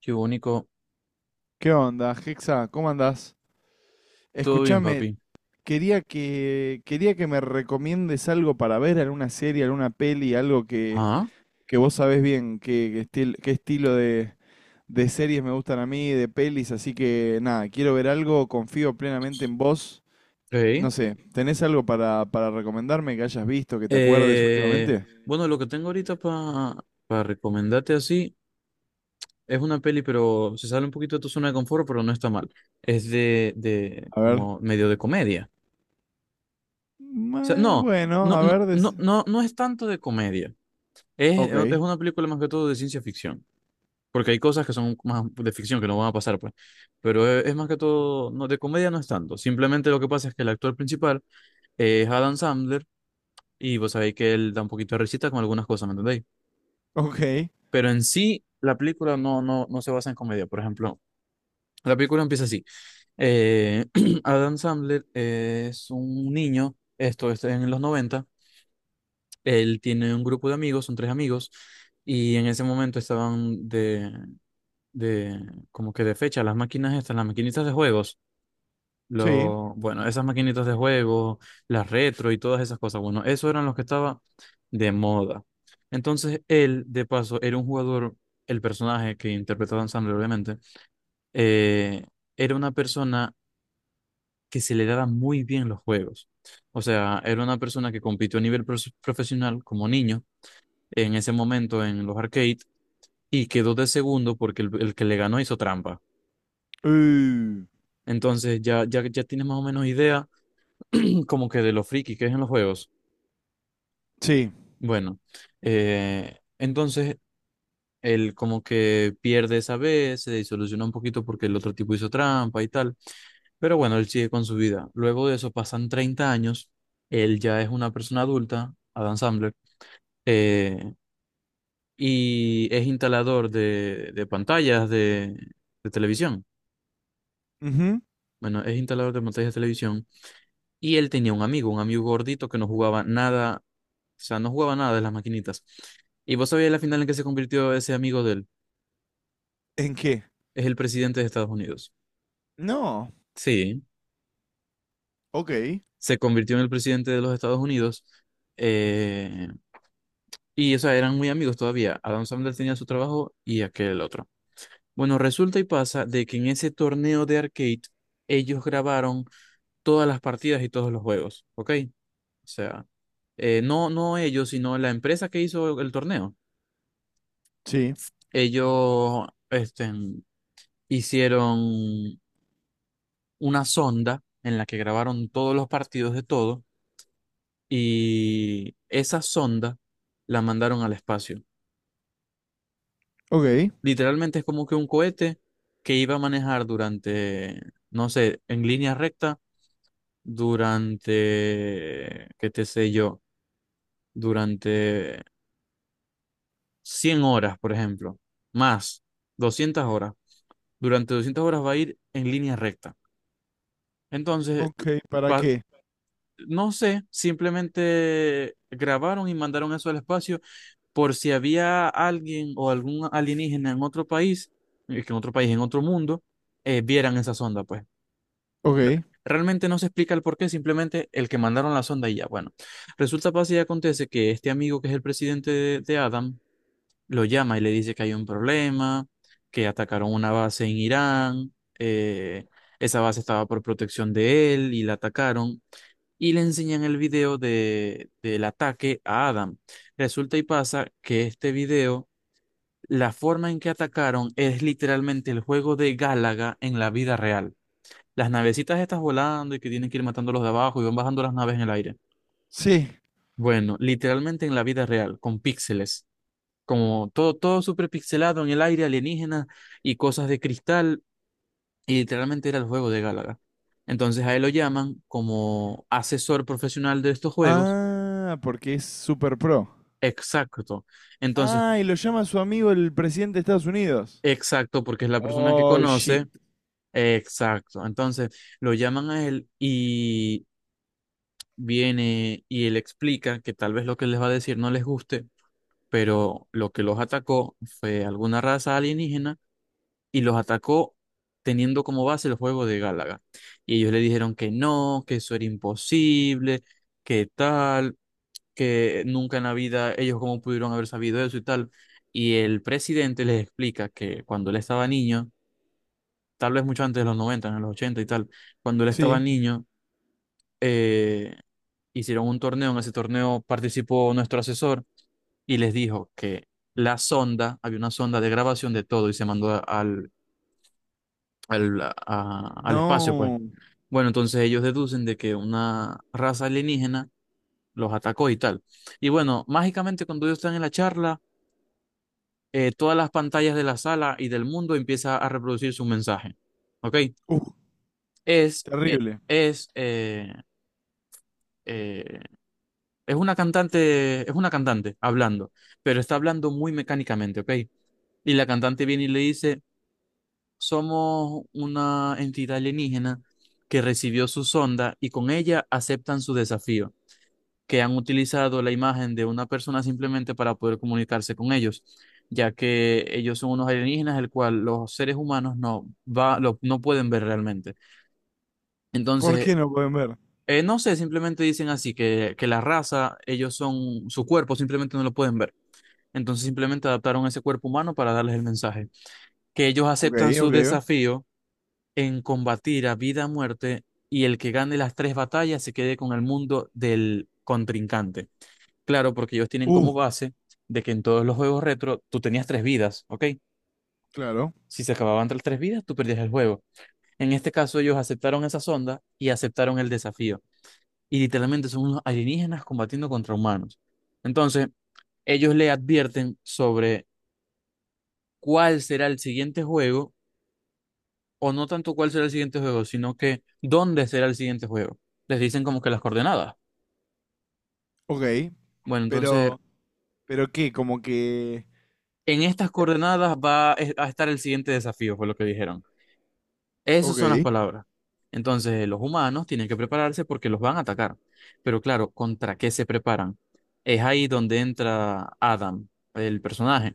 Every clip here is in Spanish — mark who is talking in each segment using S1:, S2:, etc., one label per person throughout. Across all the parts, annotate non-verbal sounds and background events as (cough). S1: Qué único.
S2: ¿Qué onda, Hexa? ¿Cómo andás?
S1: Todo bien,
S2: Escúchame,
S1: papi.
S2: quería que me recomiendes algo para ver, alguna serie, alguna peli, algo
S1: Ah,
S2: que vos sabés bien qué estilo de series me gustan a mí, de pelis, así que nada, quiero ver algo, confío plenamente en vos.
S1: ok.
S2: No sé, ¿tenés algo para recomendarme que hayas visto, que te acuerdes
S1: Eh,
S2: últimamente?
S1: bueno, lo que tengo ahorita para recomendarte así es una peli, pero se sale un poquito de tu zona de confort, pero no está mal. Es de
S2: A ver.
S1: como medio de comedia. O sea, no,
S2: Bueno,
S1: no,
S2: a
S1: no,
S2: ver.
S1: no, no, no es tanto de comedia. Es
S2: Ok,
S1: una película más que todo de ciencia ficción. Porque hay cosas que son más de ficción que no van a pasar, pues. Pero es más que todo, no, de comedia no es tanto. Simplemente lo que pasa es que el actor principal es Adam Sandler. Y vos sabéis que él da un poquito de risita con algunas cosas, ¿me entendéis?
S2: ok,
S1: Pero en sí, la película no, no, no se basa en comedia. Por ejemplo, la película empieza así. Eh, (clears throat) Adam Sandler es un niño, esto es en los noventa. Él tiene un grupo de amigos, son tres amigos, y en ese momento estaban de como que de fecha las máquinas estas, las maquinitas de juegos.
S2: sí.
S1: Bueno, esas maquinitas de juego, las retro y todas esas cosas. Bueno, eso eran los que estaba de moda. Entonces, él, de paso, era un jugador, el personaje que interpretaba Dan Sandler, obviamente, eh, era una persona que se le daba muy bien los juegos. O sea, era una persona que compitió a nivel profesional como niño en ese momento en los arcades y quedó de segundo porque el que le ganó hizo trampa.
S2: Uh,
S1: Entonces, ya, ya, ya tienes más o menos idea (clears throat) como que de lo friki que es en los juegos.
S2: sí.
S1: Bueno, entonces él como que pierde esa vez, se disoluciona un poquito porque el otro tipo hizo trampa y tal, pero bueno, él sigue con su vida. Luego de eso pasan 30 años, él ya es una persona adulta, Adam Sandler, eh, y es instalador de pantallas de televisión.
S2: Ujú.
S1: Bueno, es instalador de pantallas de televisión y él tenía un amigo gordito que no jugaba nada, o sea, no jugaba nada de las maquinitas. ¿Y vos sabías la final en que se convirtió ese amigo de él?
S2: ¿En qué?
S1: Es el presidente de Estados Unidos.
S2: No.
S1: Sí,
S2: Ok.
S1: se convirtió en el presidente de los Estados Unidos. eh, y, o sea, eran muy amigos todavía. Adam Sandler tenía su trabajo y aquel otro. Bueno, resulta y pasa de que en ese torneo de arcade ellos grabaron todas las partidas y todos los juegos, ¿ok? O sea, no, no ellos, sino la empresa que hizo el torneo.
S2: Sí.
S1: Ellos, este, hicieron una sonda en la que grabaron todos los partidos de todo. Y esa sonda la mandaron al espacio.
S2: Ok.
S1: Literalmente es como que un cohete que iba a manejar durante, no sé, en línea recta, durante, qué te sé yo, durante 100 horas, por ejemplo, más 200 horas. Durante 200 horas va a ir en línea recta. Entonces,
S2: Ok. ¿Para
S1: pa-
S2: qué?
S1: no sé, simplemente grabaron y mandaron eso al espacio por si había alguien o algún alienígena en otro país, que en otro país, en otro mundo, vieran esa sonda, pues.
S2: Ok.
S1: Realmente no se explica el por qué, simplemente el que mandaron la sonda y ya, bueno. Resulta, pasa y acontece que este amigo que es el presidente de Adam lo llama y le dice que hay un problema, que atacaron una base en Irán, eh, esa base estaba por protección de él y la atacaron y le enseñan el video del ataque a Adam. Resulta y pasa que este video, la forma en que atacaron es literalmente el juego de Gálaga en la vida real. Las navecitas estas volando y que tienen que ir matando a los de abajo y van bajando las naves en el aire.
S2: Sí.
S1: Bueno, literalmente en la vida real, con píxeles. Como todo, todo súper pixelado en el aire, alienígena y cosas de cristal. Y literalmente era el juego de Gálaga. Entonces a él lo llaman como asesor profesional de estos juegos.
S2: Ah, porque es super pro.
S1: Exacto. Entonces,
S2: Ah, y lo llama su amigo el presidente de Estados Unidos.
S1: exacto, porque es la persona que
S2: Oh,
S1: conoce.
S2: shit.
S1: Exacto. Entonces, lo llaman a él y viene y él explica que tal vez lo que les va a decir no les guste, pero lo que los atacó fue alguna raza alienígena y los atacó teniendo como base el juego de Gálaga. Y ellos le dijeron que no, que eso era imposible, que tal. Que nunca en la vida ellos cómo pudieron haber sabido eso y tal. Y el presidente les explica que cuando él estaba niño, tal vez mucho antes de los 90 en los 80 y tal, cuando él estaba
S2: Sí.
S1: niño, eh, hicieron un torneo, en ese torneo participó nuestro asesor y les dijo que la sonda, había una sonda de grabación de todo y se mandó al espacio, pues.
S2: No.
S1: Bueno, entonces ellos deducen de que una raza alienígena los atacó y tal. Y bueno, mágicamente cuando ellos están en la charla, todas las pantallas de la sala y del mundo empieza a reproducir su mensaje. ¿Ok?
S2: Uh,
S1: Es, eh,
S2: terrible.
S1: es, eh, eh, es una cantante, es una cantante hablando, pero está hablando muy mecánicamente, ¿ok? Y la cantante viene y le dice, somos una entidad alienígena que recibió su sonda y con ella aceptan su desafío. Que han utilizado la imagen de una persona simplemente para poder comunicarse con ellos, ya que ellos son unos alienígenas, el cual los seres humanos no, va, no pueden ver realmente.
S2: ¿Por
S1: Entonces,
S2: qué no pueden ver?
S1: no sé, simplemente dicen así, que la raza, ellos son su cuerpo, simplemente no lo pueden ver. Entonces simplemente adaptaron ese cuerpo humano para darles el mensaje, que ellos
S2: Ok,
S1: aceptan su
S2: ok.
S1: desafío en combatir a vida o muerte y el que gane las tres batallas se quede con el mundo del contrincante. Claro, porque ellos tienen
S2: Uh,
S1: como base de que en todos los juegos retro tú tenías tres vidas, ¿ok?
S2: claro.
S1: Si se acababan las tres vidas, tú perdías el juego. En este caso, ellos aceptaron esa sonda y aceptaron el desafío. Y literalmente son unos alienígenas combatiendo contra humanos. Entonces, ellos le advierten sobre cuál será el siguiente juego, o no tanto cuál será el siguiente juego, sino que dónde será el siguiente juego. Les dicen como que las coordenadas.
S2: Ok.
S1: Bueno, entonces,
S2: Pero, ¿Pero qué? Como que...
S1: en estas coordenadas va a estar el siguiente desafío, fue lo que dijeron. Esas son las
S2: Ok.
S1: palabras. Entonces, los humanos tienen que prepararse porque los van a atacar. Pero claro, ¿contra qué se preparan? Es ahí donde entra Adam, el personaje.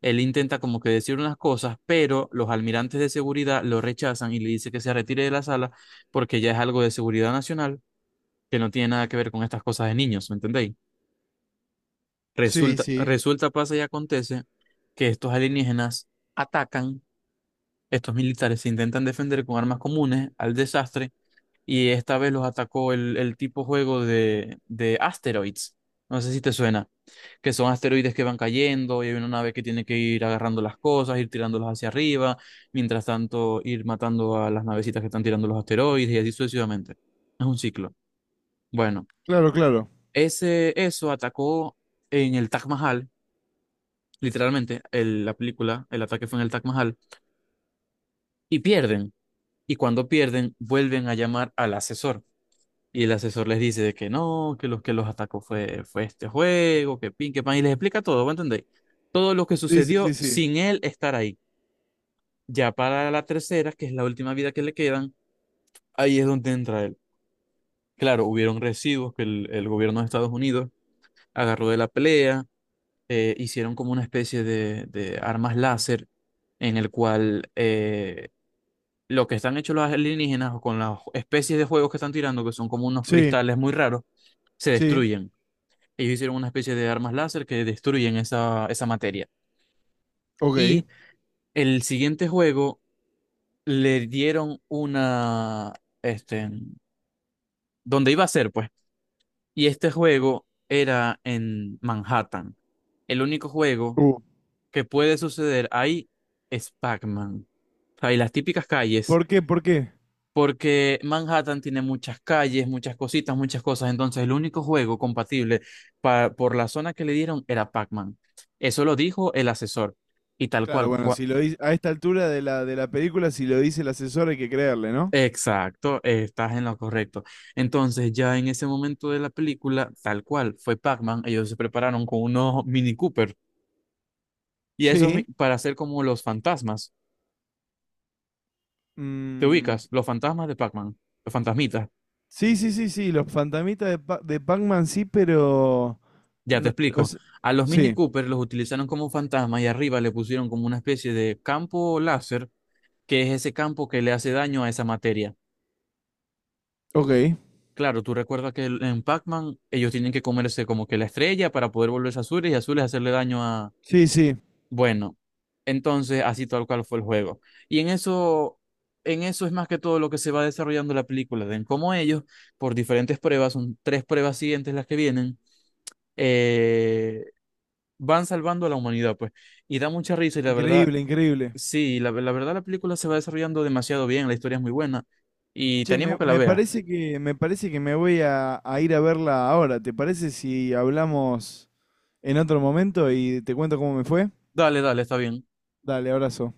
S1: Él intenta como que decir unas cosas, pero los almirantes de seguridad lo rechazan y le dice que se retire de la sala porque ya es algo de seguridad nacional que no tiene nada que ver con estas cosas de niños, ¿me entendéis?
S2: Sí,
S1: Resulta,
S2: sí.
S1: resulta, pasa y acontece que estos alienígenas atacan, estos militares se intentan defender con armas comunes al desastre y esta vez los atacó el tipo juego de asteroids. No sé si te suena, que son asteroides que van cayendo y hay una nave que tiene que ir agarrando las cosas, ir tirándolas hacia arriba, mientras tanto ir matando a las navecitas que están tirando los asteroides y así sucesivamente. Es un ciclo. Bueno,
S2: Claro, claro.
S1: ese, eso atacó en el Taj Mahal, literalmente, la película, el ataque fue en el Taj Mahal, y pierden. Y cuando pierden, vuelven a llamar al asesor. Y el asesor les dice de que no, que los atacó fue este juego, que pin, que pan, y les explica todo, ¿me entendéis? Todo lo que
S2: Sí, sí,
S1: sucedió
S2: sí, sí.
S1: sin él estar ahí. Ya para la tercera, que es la última vida que le quedan, ahí es donde entra él. Claro, hubieron residuos que el gobierno de Estados Unidos agarró de la pelea, hicieron como una especie de armas láser en el cual lo que están hechos los alienígenas o con las especies de juegos que están tirando, que son como unos
S2: Sí,
S1: cristales muy raros, se
S2: sí.
S1: destruyen. Ellos hicieron una especie de armas láser que destruyen esa materia.
S2: Ok.
S1: Y el siguiente juego le dieron una, este, donde iba a ser, pues. Y este juego era en Manhattan. El único juego
S2: Uh.
S1: que puede suceder ahí es Pac-Man. O sea, y las típicas calles
S2: ¿Por qué? ¿Por qué?
S1: porque Manhattan tiene muchas calles, muchas cositas, muchas cosas. Entonces, el único juego compatible por la zona que le dieron era Pac-Man. Eso lo dijo el asesor. Y tal
S2: Claro,
S1: cual.
S2: bueno, si lo dice, a esta altura de la película, si lo dice el asesor hay que creerle, ¿no?
S1: Exacto, estás en lo correcto. Entonces, ya en ese momento de la película, tal cual, fue Pac-Man. Ellos se prepararon con unos Mini Cooper. Y eso es
S2: Sí.
S1: para hacer como los fantasmas. ¿Te
S2: Mm,
S1: ubicas? Los fantasmas de Pac-Man. Los fantasmitas.
S2: sí, sí, sí, sí, los fantasmitas de, de Pac-Man sí, pero...
S1: Ya te
S2: no- o
S1: explico.
S2: se-
S1: A los Mini
S2: sí,
S1: Cooper los utilizaron como fantasmas y arriba le pusieron como una especie de campo láser, que es ese campo que le hace daño a esa materia.
S2: ok.
S1: Claro, tú recuerdas que en Pac-Man ellos tienen que comerse como que la estrella para poder volverse azules y azules hacerle daño a...
S2: Sí, sí,
S1: Bueno, entonces así tal cual fue el juego. Y en eso, es más que todo lo que se va desarrollando la película, de en cómo ellos, por diferentes pruebas, son tres pruebas siguientes las que vienen, eh, van salvando a la humanidad, pues. Y da mucha risa y la verdad,
S2: increíble, increíble.
S1: sí, la verdad la película se va desarrollando demasiado bien, la historia es muy buena y te
S2: Che,
S1: animo
S2: me,
S1: a que la
S2: me
S1: veas.
S2: parece que, me parece que me voy a ir a verla ahora. ¿Te parece si hablamos en otro momento y te cuento cómo me fue?
S1: Dale, dale, está bien.
S2: Dale, abrazo.